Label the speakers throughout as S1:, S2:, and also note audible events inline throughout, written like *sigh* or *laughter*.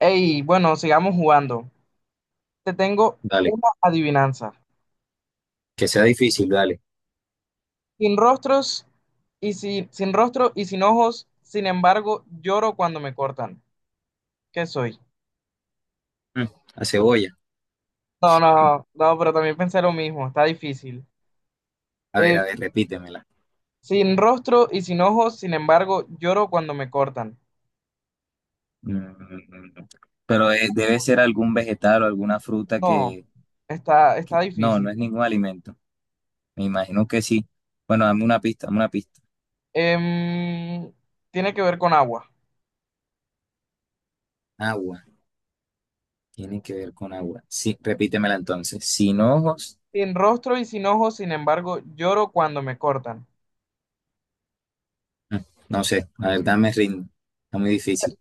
S1: Ey, bueno, sigamos jugando. Te tengo
S2: Dale,
S1: una adivinanza.
S2: que sea difícil, dale.
S1: Sin rostros y sin rostro y sin ojos, sin embargo, lloro cuando me cortan. ¿Qué soy?
S2: Mm, La cebolla.
S1: No, no, no, pero también pensé lo mismo, está difícil. Eh,
S2: A ver, repítemela.
S1: Sin rostro y sin ojos, sin embargo, lloro cuando me cortan.
S2: Mm, Pero debe ser algún vegetal o alguna fruta
S1: No,
S2: que,
S1: está
S2: que- No, no es
S1: difícil.
S2: ningún alimento. Me imagino que sí. Bueno, dame una pista, dame una pista.
S1: Em, Tiene que ver con agua.
S2: Agua. Tiene que ver con agua. Sí, repítemela entonces. Sin ojos.
S1: Sin rostro y sin ojos, sin embargo, lloro cuando me cortan.
S2: Mm, No sé, la verdad me rindo. Está muy difícil.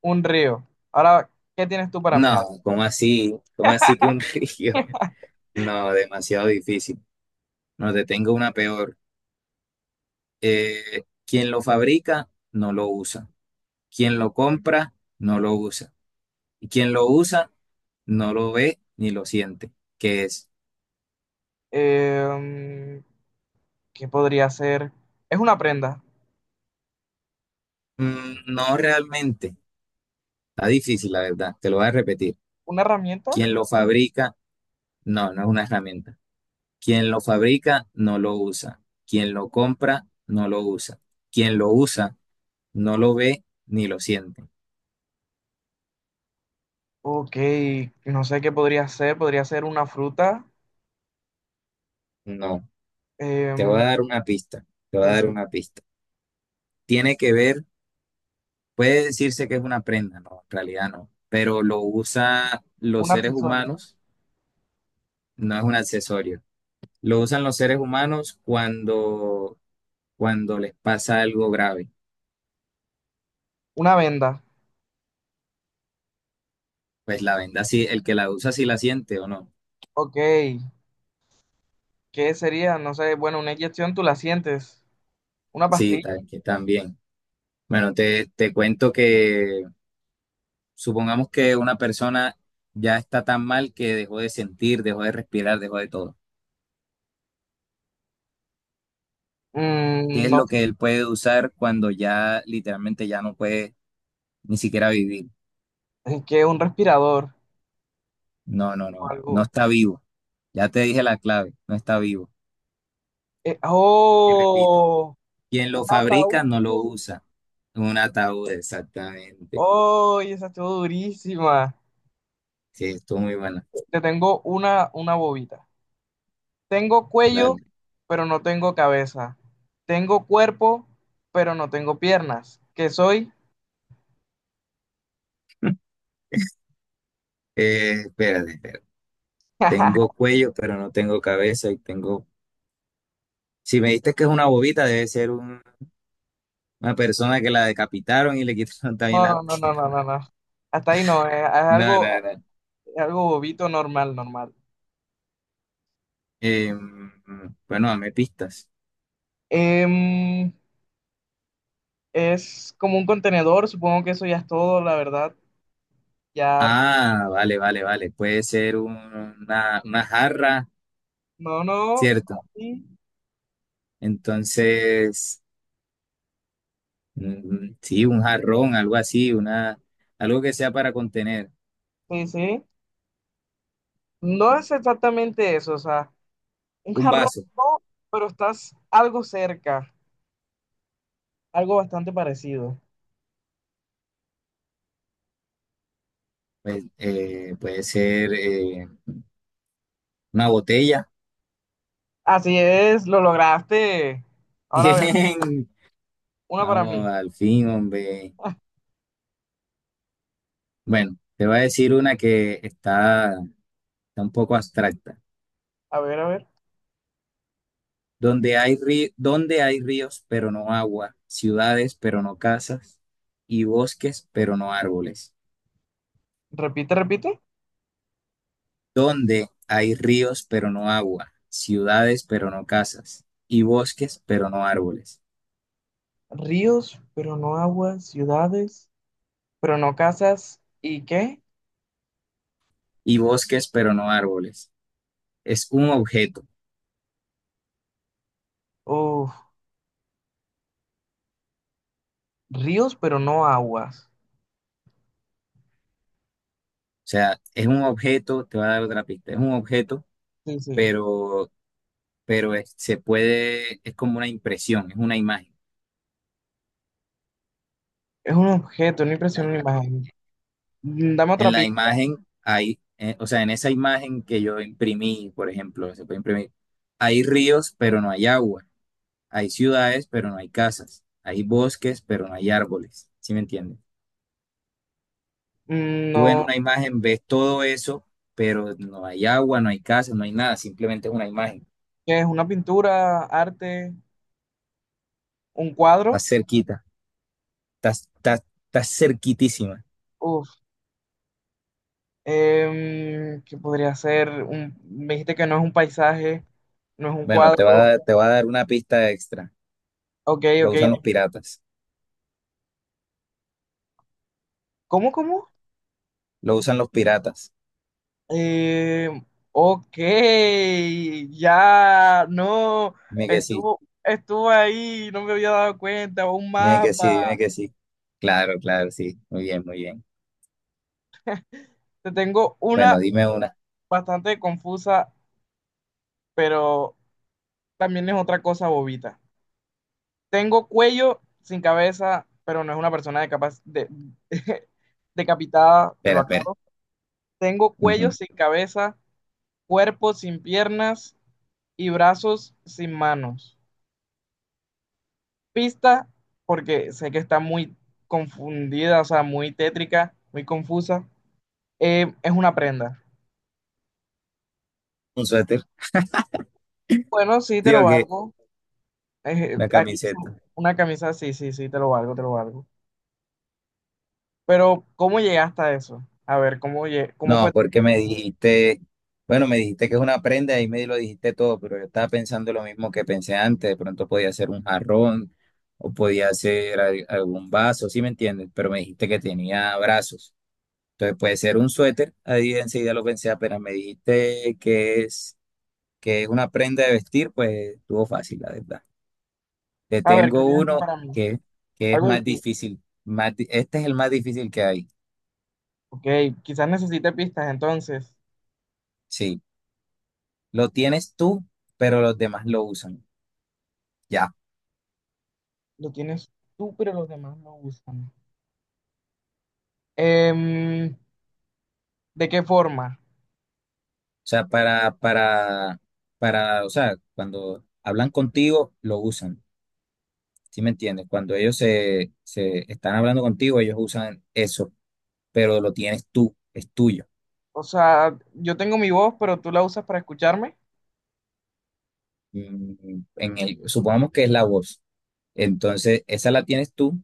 S1: Un río. Ahora, ¿qué tienes tú para mí? ¿Ale?
S2: No, ¿cómo así? ¿Cómo así que un *laughs* río? No, demasiado difícil. No, te tengo una peor. Quien lo fabrica no lo usa. Quien lo compra no lo usa. Y quien lo usa no lo ve ni lo siente. ¿Que es?
S1: Em, ¿Qué podría ser? Es una prenda.
S2: No realmente. Está difícil, la verdad. Te lo voy a repetir.
S1: ¿Una herramienta?
S2: Quien lo fabrica, no, no es una herramienta. Quien lo fabrica no lo usa. Quien lo compra no lo usa. Quien lo usa no lo ve ni lo siente.
S1: Ok, no sé qué podría ser. Podría ser una fruta.
S2: No. Te voy a
S1: Em,
S2: dar una pista. Te voy a
S1: sí,
S2: dar
S1: sí.
S2: una pista. Tiene que ver Puede decirse que es una prenda, no, en realidad no, pero lo usan los
S1: Un
S2: seres
S1: accesorio.
S2: humanos, no es un accesorio. Lo usan los seres humanos cuando les pasa algo grave.
S1: Una venda.
S2: Pues la venda sí, el que la usa sí la siente o no.
S1: Ok, ¿qué sería? No sé, bueno, una inyección tú la sientes. Una
S2: Sí,
S1: pastilla.
S2: tal, que también. Bueno, te cuento que supongamos que una persona ya está tan mal que dejó de sentir, dejó de respirar, dejó de todo. ¿Qué
S1: Mm,
S2: es
S1: no
S2: lo que él puede usar cuando ya literalmente ya no puede ni siquiera vivir?
S1: sé, ¿qué? Un respirador
S2: No, no,
S1: o
S2: no, no
S1: algo.
S2: está vivo. Ya te dije la clave, no está vivo. Y repito,
S1: ¡Oh!
S2: quien
S1: Un
S2: lo fabrica no lo
S1: ataúd.
S2: usa. Un ataúd, exactamente.
S1: ¡Oh! Y esa estuvo durísima.
S2: Sí, estuvo muy buena.
S1: Te tengo una bobita. Tengo cuello,
S2: Dale.
S1: pero no tengo cabeza. Tengo cuerpo, pero no tengo piernas. ¿Qué soy?
S2: *laughs* Espérate, espérate. Tengo
S1: *laughs*
S2: cuello, pero no tengo cabeza y tengo... Si me diste que es una bobita, debe ser una persona que la decapitaron y le *laughs* quitaron también
S1: No,
S2: la
S1: no, no, no, no, no,
S2: pierna.
S1: no. Hasta ahí no,
S2: No, no, no.
S1: es algo bobito, normal, normal.
S2: Eh, bueno, dame pistas.
S1: Em, es como un contenedor, supongo que eso ya es todo, la verdad. Ya,
S2: Ah, vale, vale, vale. Puede ser una jarra,
S1: no, no,
S2: ¿cierto?
S1: sí,
S2: Entonces, sí, un jarrón, algo así, algo que sea para contener.
S1: sí, sí. No es exactamente eso, o sea, un
S2: Un
S1: jarrón
S2: vaso,
S1: no, pero estás algo cerca, algo bastante parecido.
S2: pues, puede ser una botella.
S1: Así es, lo lograste.
S2: *laughs*
S1: Ahora a ver,
S2: Bien,
S1: una para
S2: vamos,
S1: mí.
S2: al fin, hombre.
S1: *laughs*
S2: Bueno, te voy a decir una que está un poco abstracta.
S1: A ver, a ver.
S2: Donde hay ríos, pero no agua, ciudades, pero no casas, y bosques, pero no árboles.
S1: Repite, repite.
S2: Donde hay ríos pero no agua, ciudades pero no casas, y bosques pero no árboles,
S1: Ríos, pero no aguas, ciudades, pero no casas. ¿Y qué?
S2: y bosques pero no árboles. Es un objeto, o
S1: Uf, ríos, pero no aguas.
S2: sea, es un objeto, te voy a dar otra pista, es un objeto,
S1: Sí, sí.
S2: pero, pero se puede, es como una impresión, es una imagen,
S1: Es un objeto, una
S2: la
S1: impresión, una
S2: ima-
S1: imagen. Mm, dame
S2: En
S1: otra
S2: la
S1: pista.
S2: imagen hay, o sea, en esa imagen que yo imprimí, por ejemplo, se puede imprimir, hay ríos pero no hay agua. Hay ciudades, pero no hay casas. Hay bosques, pero no hay árboles. ¿Sí me entiendes?
S1: Mm,
S2: Tú en
S1: no,
S2: una imagen ves todo eso, pero no hay agua, no hay casa, no hay nada. Simplemente es una imagen.
S1: ¿qué es? ¿Una pintura, arte, un cuadro?
S2: Estás cerquita. Estás, estás, estás cerquitísima.
S1: Uf, ¿qué podría ser? Un, me dijiste que no es un paisaje, no es un
S2: Bueno,
S1: cuadro.
S2: te va a dar una pista extra.
S1: Ok,
S2: Lo
S1: ok.
S2: usan los piratas.
S1: ¿Cómo, cómo?
S2: Lo usan los piratas.
S1: Eh, ok, ya, no,
S2: Dime que sí.
S1: estuvo, estuvo ahí, no me había dado cuenta, un
S2: Dime que sí. Dime
S1: mapa.
S2: que sí. Claro, claro, sí. Muy bien, muy bien.
S1: Te tengo una
S2: Bueno, dime una.
S1: bastante confusa, pero también es otra cosa bobita. Tengo cuello sin cabeza, pero no es una persona de capaz de, *laughs* decapitada, te lo
S2: Espera, espera.
S1: acabo. Tengo cuello
S2: Ujú.
S1: sin cabeza, cuerpo sin piernas y brazos sin manos. Pista porque sé que está muy confundida, o sea, muy tétrica, muy confusa. Es una prenda.
S2: Un suéter.
S1: Bueno, sí, te
S2: Digo
S1: lo
S2: que
S1: valgo.
S2: una
S1: Aquí dice
S2: camiseta.
S1: una camisa, sí, sí, sí, te lo valgo, te lo valgo. Pero, ¿cómo llegaste a eso? A ver, ¿cómo, cómo fue?
S2: No, porque me dijiste, bueno, me dijiste que es una prenda y me lo dijiste todo, pero yo estaba pensando lo mismo que pensé antes, de pronto podía ser un jarrón o podía ser algún vaso, ¿sí me entiendes? Pero me dijiste que tenía brazos, entonces puede ser un suéter, ahí enseguida lo pensé, apenas me dijiste que es, una prenda de vestir, pues estuvo fácil, la verdad. Te
S1: A ver, ¿qué
S2: tengo
S1: tienes tú
S2: uno
S1: para mí?
S2: que es
S1: Algo
S2: más
S1: difícil.
S2: difícil, este es el más difícil que hay,
S1: Ok, quizás necesite pistas, entonces.
S2: sí, lo tienes tú, pero los demás lo usan. Ya.
S1: Lo tienes tú, pero los demás no usan. Em, ¿De qué forma?
S2: O sea, cuando hablan contigo, lo usan. ¿Sí me entiendes? Cuando ellos se están hablando contigo, ellos usan eso, pero lo tienes tú, es tuyo.
S1: O sea, yo tengo mi voz, pero tú la usas para escucharme.
S2: Supongamos que es la voz. Entonces, esa la tienes tú,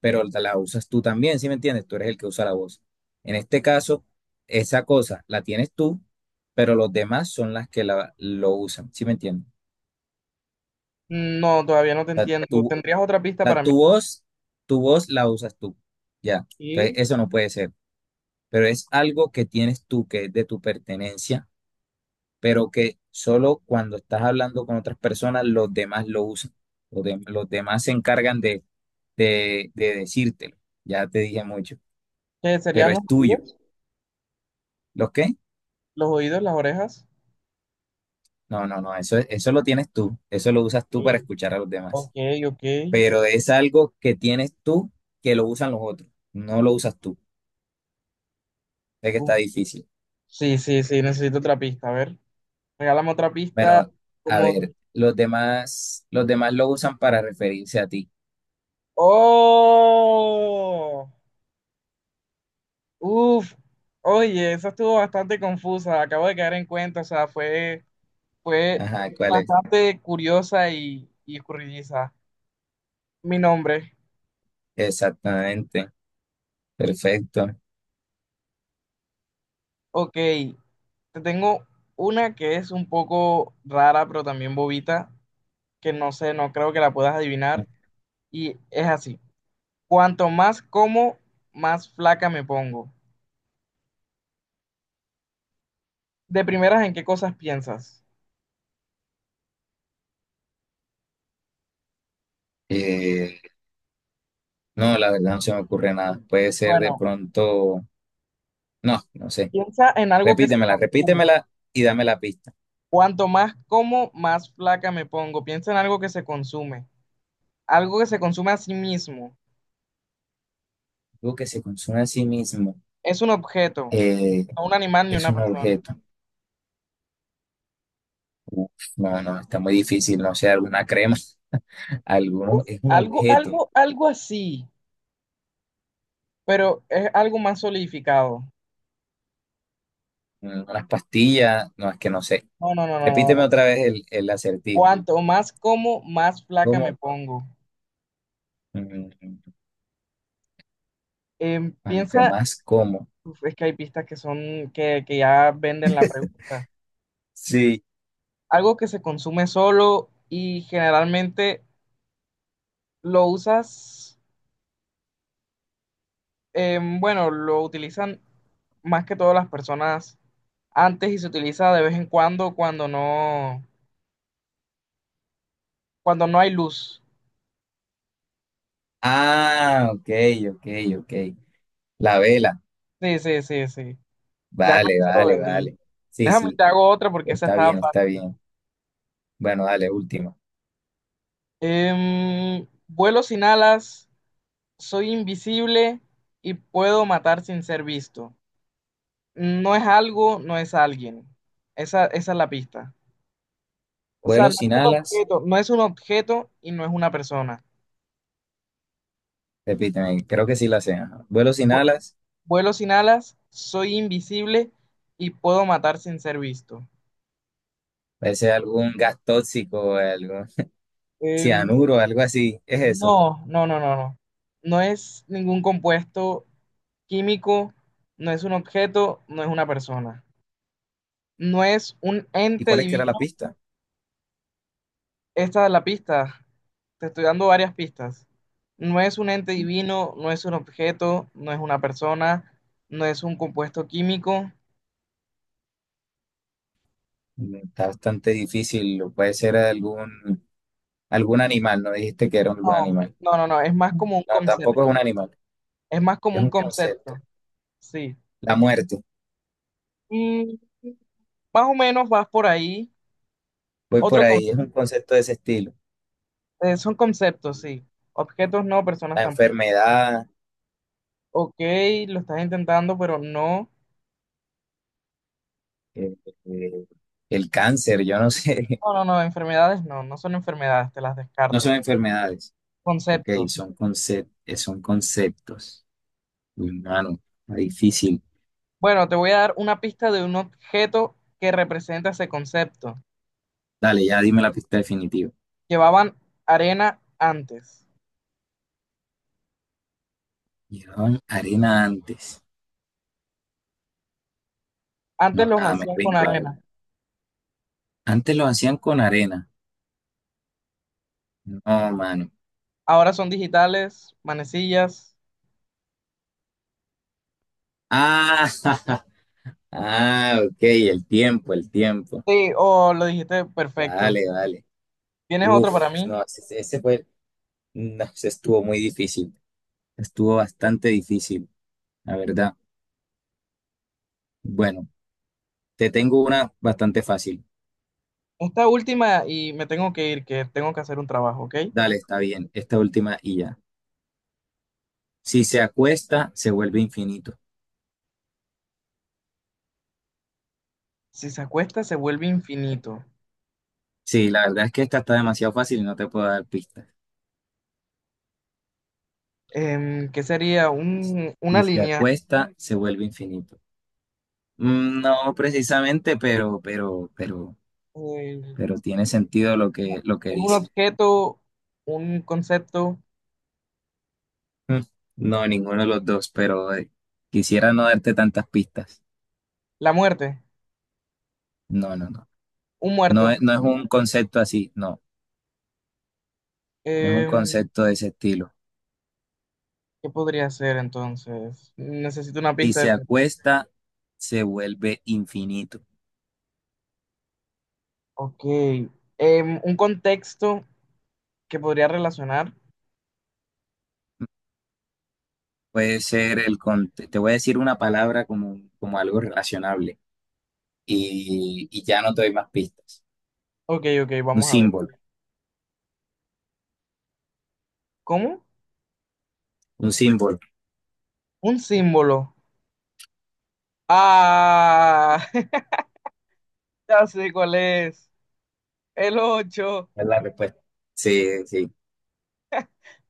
S2: pero la usas tú también, ¿sí me entiendes? Tú eres el que usa la voz. En este caso, esa cosa la tienes tú, pero los demás son las que la, lo usan, ¿sí me entiendes?
S1: No, todavía no te
S2: O sea,
S1: entiendo. ¿Tendrías otra pista
S2: La,
S1: para mí?
S2: tu voz, tu voz la usas tú. Ya. Entonces,
S1: ¿Y
S2: eso no puede ser. Pero es algo que tienes tú, que es de tu pertenencia, pero que solo cuando estás hablando con otras personas, los demás lo usan. Los demás se encargan de decírtelo. Ya te dije mucho.
S1: qué
S2: Pero
S1: serían
S2: es
S1: los
S2: tuyo.
S1: oídos?
S2: ¿Lo qué?
S1: ¿Los oídos, las orejas?
S2: No, no, no. eso lo tienes tú. Eso lo usas tú para
S1: Sí.
S2: escuchar a los
S1: Ok,
S2: demás.
S1: ok.
S2: Pero es algo que tienes tú que lo usan los otros. No lo usas tú. Es que está
S1: Uf.
S2: difícil.
S1: Sí, sí, sí, necesito otra pista. A ver, regálame otra pista
S2: Bueno, a
S1: como...
S2: ver, los demás lo usan para referirse a ti.
S1: ¡Oh! Uf. Oye, eso estuvo bastante confusa. Acabo de caer en cuenta. O sea, fue, fue
S2: Ajá, ¿cuál es?
S1: bastante curiosa y escurridiza. Mi nombre.
S2: Exactamente, perfecto.
S1: Ok. Te tengo una que es un poco rara, pero también bobita, que no sé, no creo que la puedas adivinar. Y es así. Cuanto más como, más flaca me pongo. De primeras, ¿en qué cosas piensas?
S2: Eh, no, la verdad no se me ocurre nada. Puede ser de
S1: Bueno,
S2: pronto, no, no sé.
S1: piensa en algo que se
S2: Repítemela,
S1: consume.
S2: repítemela y dame la pista.
S1: Cuanto más como, más flaca me pongo. Piensa en algo que se consume. Algo que se consume a sí mismo.
S2: Algo que se consume a sí mismo,
S1: Es un objeto,
S2: eh,
S1: no un animal ni
S2: es
S1: una
S2: un
S1: persona.
S2: objeto. Uf, no, no, está muy difícil. No sé, alguna crema, *laughs* alguno,
S1: Uf,
S2: es un
S1: algo,
S2: objeto.
S1: algo, algo así, pero es algo más solidificado.
S2: Unas pastillas, no, es que no sé.
S1: No, no, no, no,
S2: Repíteme
S1: no.
S2: otra vez el acertijo.
S1: Cuanto más como, más flaca me
S2: ¿Cómo?
S1: pongo.
S2: Mm, Cuanto
S1: Piensa,
S2: más como.
S1: uf, es que hay pistas que son, que ya venden la pregunta.
S2: Sí.
S1: Algo que se consume solo y generalmente lo usas, bueno, lo utilizan más que todas las personas antes y se utiliza de vez en cuando cuando no hay luz.
S2: Ah, ok, ok, ok. La vela.
S1: Sí, sí, sí, sí. Ya con
S2: Vale,
S1: eso lo
S2: vale, vale.
S1: vendí.
S2: Sí,
S1: Déjame
S2: sí.
S1: te hago otra porque esa
S2: Está
S1: estaba
S2: bien, está
S1: fácil.
S2: bien. Bueno, dale, última.
S1: Vuelo sin alas, soy invisible y puedo matar sin ser visto. No es algo, no es alguien. Esa es la pista. O sea,
S2: Vuelo
S1: no es
S2: sin
S1: un
S2: alas.
S1: objeto, no es un objeto y no es una persona.
S2: Repíteme, creo que sí la sé. Ajá. Vuelo sin
S1: Vu-
S2: alas.
S1: Vuelo sin alas, soy invisible y puedo matar sin ser visto.
S2: Puede ser algún gas tóxico, algo,
S1: Em,
S2: cianuro, algo así. Es eso.
S1: no, no, no, no, no. No es ningún compuesto químico, no es un objeto, no es una persona. No es un
S2: ¿Y
S1: ente
S2: cuál es que era la
S1: divino.
S2: pista?
S1: Esta es la pista. Te estoy dando varias pistas. No es un ente divino, no es un objeto, no es una persona, no es un compuesto químico.
S2: Está bastante difícil. Puede ser algún animal. No dijiste que era algún
S1: No,
S2: animal.
S1: no, no, no. Es más como un
S2: No, tampoco es un
S1: concepto.
S2: animal.
S1: Es más como
S2: Es
S1: un
S2: un
S1: concepto.
S2: concepto.
S1: Sí.
S2: La muerte,
S1: Mm, más o menos vas por ahí.
S2: voy por
S1: Otro
S2: ahí, es un
S1: concepto.
S2: concepto de ese estilo.
S1: Son conceptos, sí. Objetos no, personas
S2: La
S1: tampoco.
S2: enfermedad,
S1: Ok, lo estás intentando, pero no.
S2: eh, eh, el cáncer, yo no sé,
S1: No, no, no. Enfermedades no, no son enfermedades, te las
S2: *laughs* no son
S1: descarto.
S2: enfermedades, ok,
S1: Conceptos.
S2: son conceptos. Uy, mano, está difícil.
S1: Bueno, te voy a dar una pista de un objeto que representa ese concepto.
S2: Dale, ya dime la pista definitiva.
S1: Llevaban arena antes.
S2: Llevaban arena antes.
S1: Antes
S2: No,
S1: los
S2: nada, me
S1: hacían con
S2: rindo, la verdad.
S1: arena.
S2: Antes lo hacían con arena. No, mano.
S1: Ahora son digitales, manecillas.
S2: Ah, *laughs* ah, ok, el tiempo, el tiempo.
S1: Sí, oh, lo dijiste perfecto.
S2: Dale, dale.
S1: ¿Tienes otro
S2: Uf,
S1: para mí?
S2: no, ese fue. No, se estuvo muy difícil. Estuvo bastante difícil, la verdad. Bueno, te tengo una bastante fácil.
S1: Esta última y me tengo que ir, que tengo que hacer un trabajo, ¿ok?
S2: Dale, está bien. Esta última y ya. Si se acuesta, se vuelve infinito.
S1: Si se acuesta, se vuelve infinito.
S2: Sí, la verdad es que esta está demasiado fácil y no te puedo dar pistas.
S1: ¿Qué sería? Una
S2: Si se
S1: línea.
S2: acuesta, se vuelve infinito. No precisamente, pero, pero, pero,
S1: Eh,
S2: pero tiene sentido lo que
S1: es un
S2: dice.
S1: objeto, un concepto,
S2: Mm, No, ninguno de los dos, pero quisiera no darte tantas pistas.
S1: la muerte,
S2: No, no, no.
S1: un
S2: No
S1: muerto.
S2: es, no es un concepto así, no, no es un
S1: Em,
S2: concepto de ese estilo.
S1: ¿Qué podría ser entonces? Necesito una
S2: Si
S1: pista de...
S2: se acuesta, se vuelve infinito.
S1: Ok. Em, un contexto que podría relacionar.
S2: Puede ser el, con- te te voy a decir una palabra como algo relacionable y ya no te doy más pistas.
S1: Ok, ok,
S2: Un
S1: vamos a ver.
S2: símbolo,
S1: ¿Cómo?
S2: un símbolo,
S1: Un símbolo. Ah, *laughs* ya sé cuál es. El 8.
S2: es la respuesta. Sí, sí,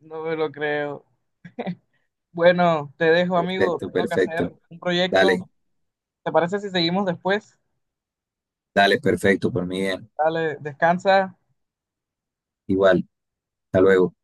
S1: No me lo creo. Bueno, te dejo, amigo.
S2: perfecto,
S1: Tengo que hacer
S2: perfecto.
S1: un
S2: Dale,
S1: proyecto. ¿Te parece si seguimos después?
S2: dale, perfecto, por mí bien.
S1: Dale, descansa.
S2: Igual, hasta luego.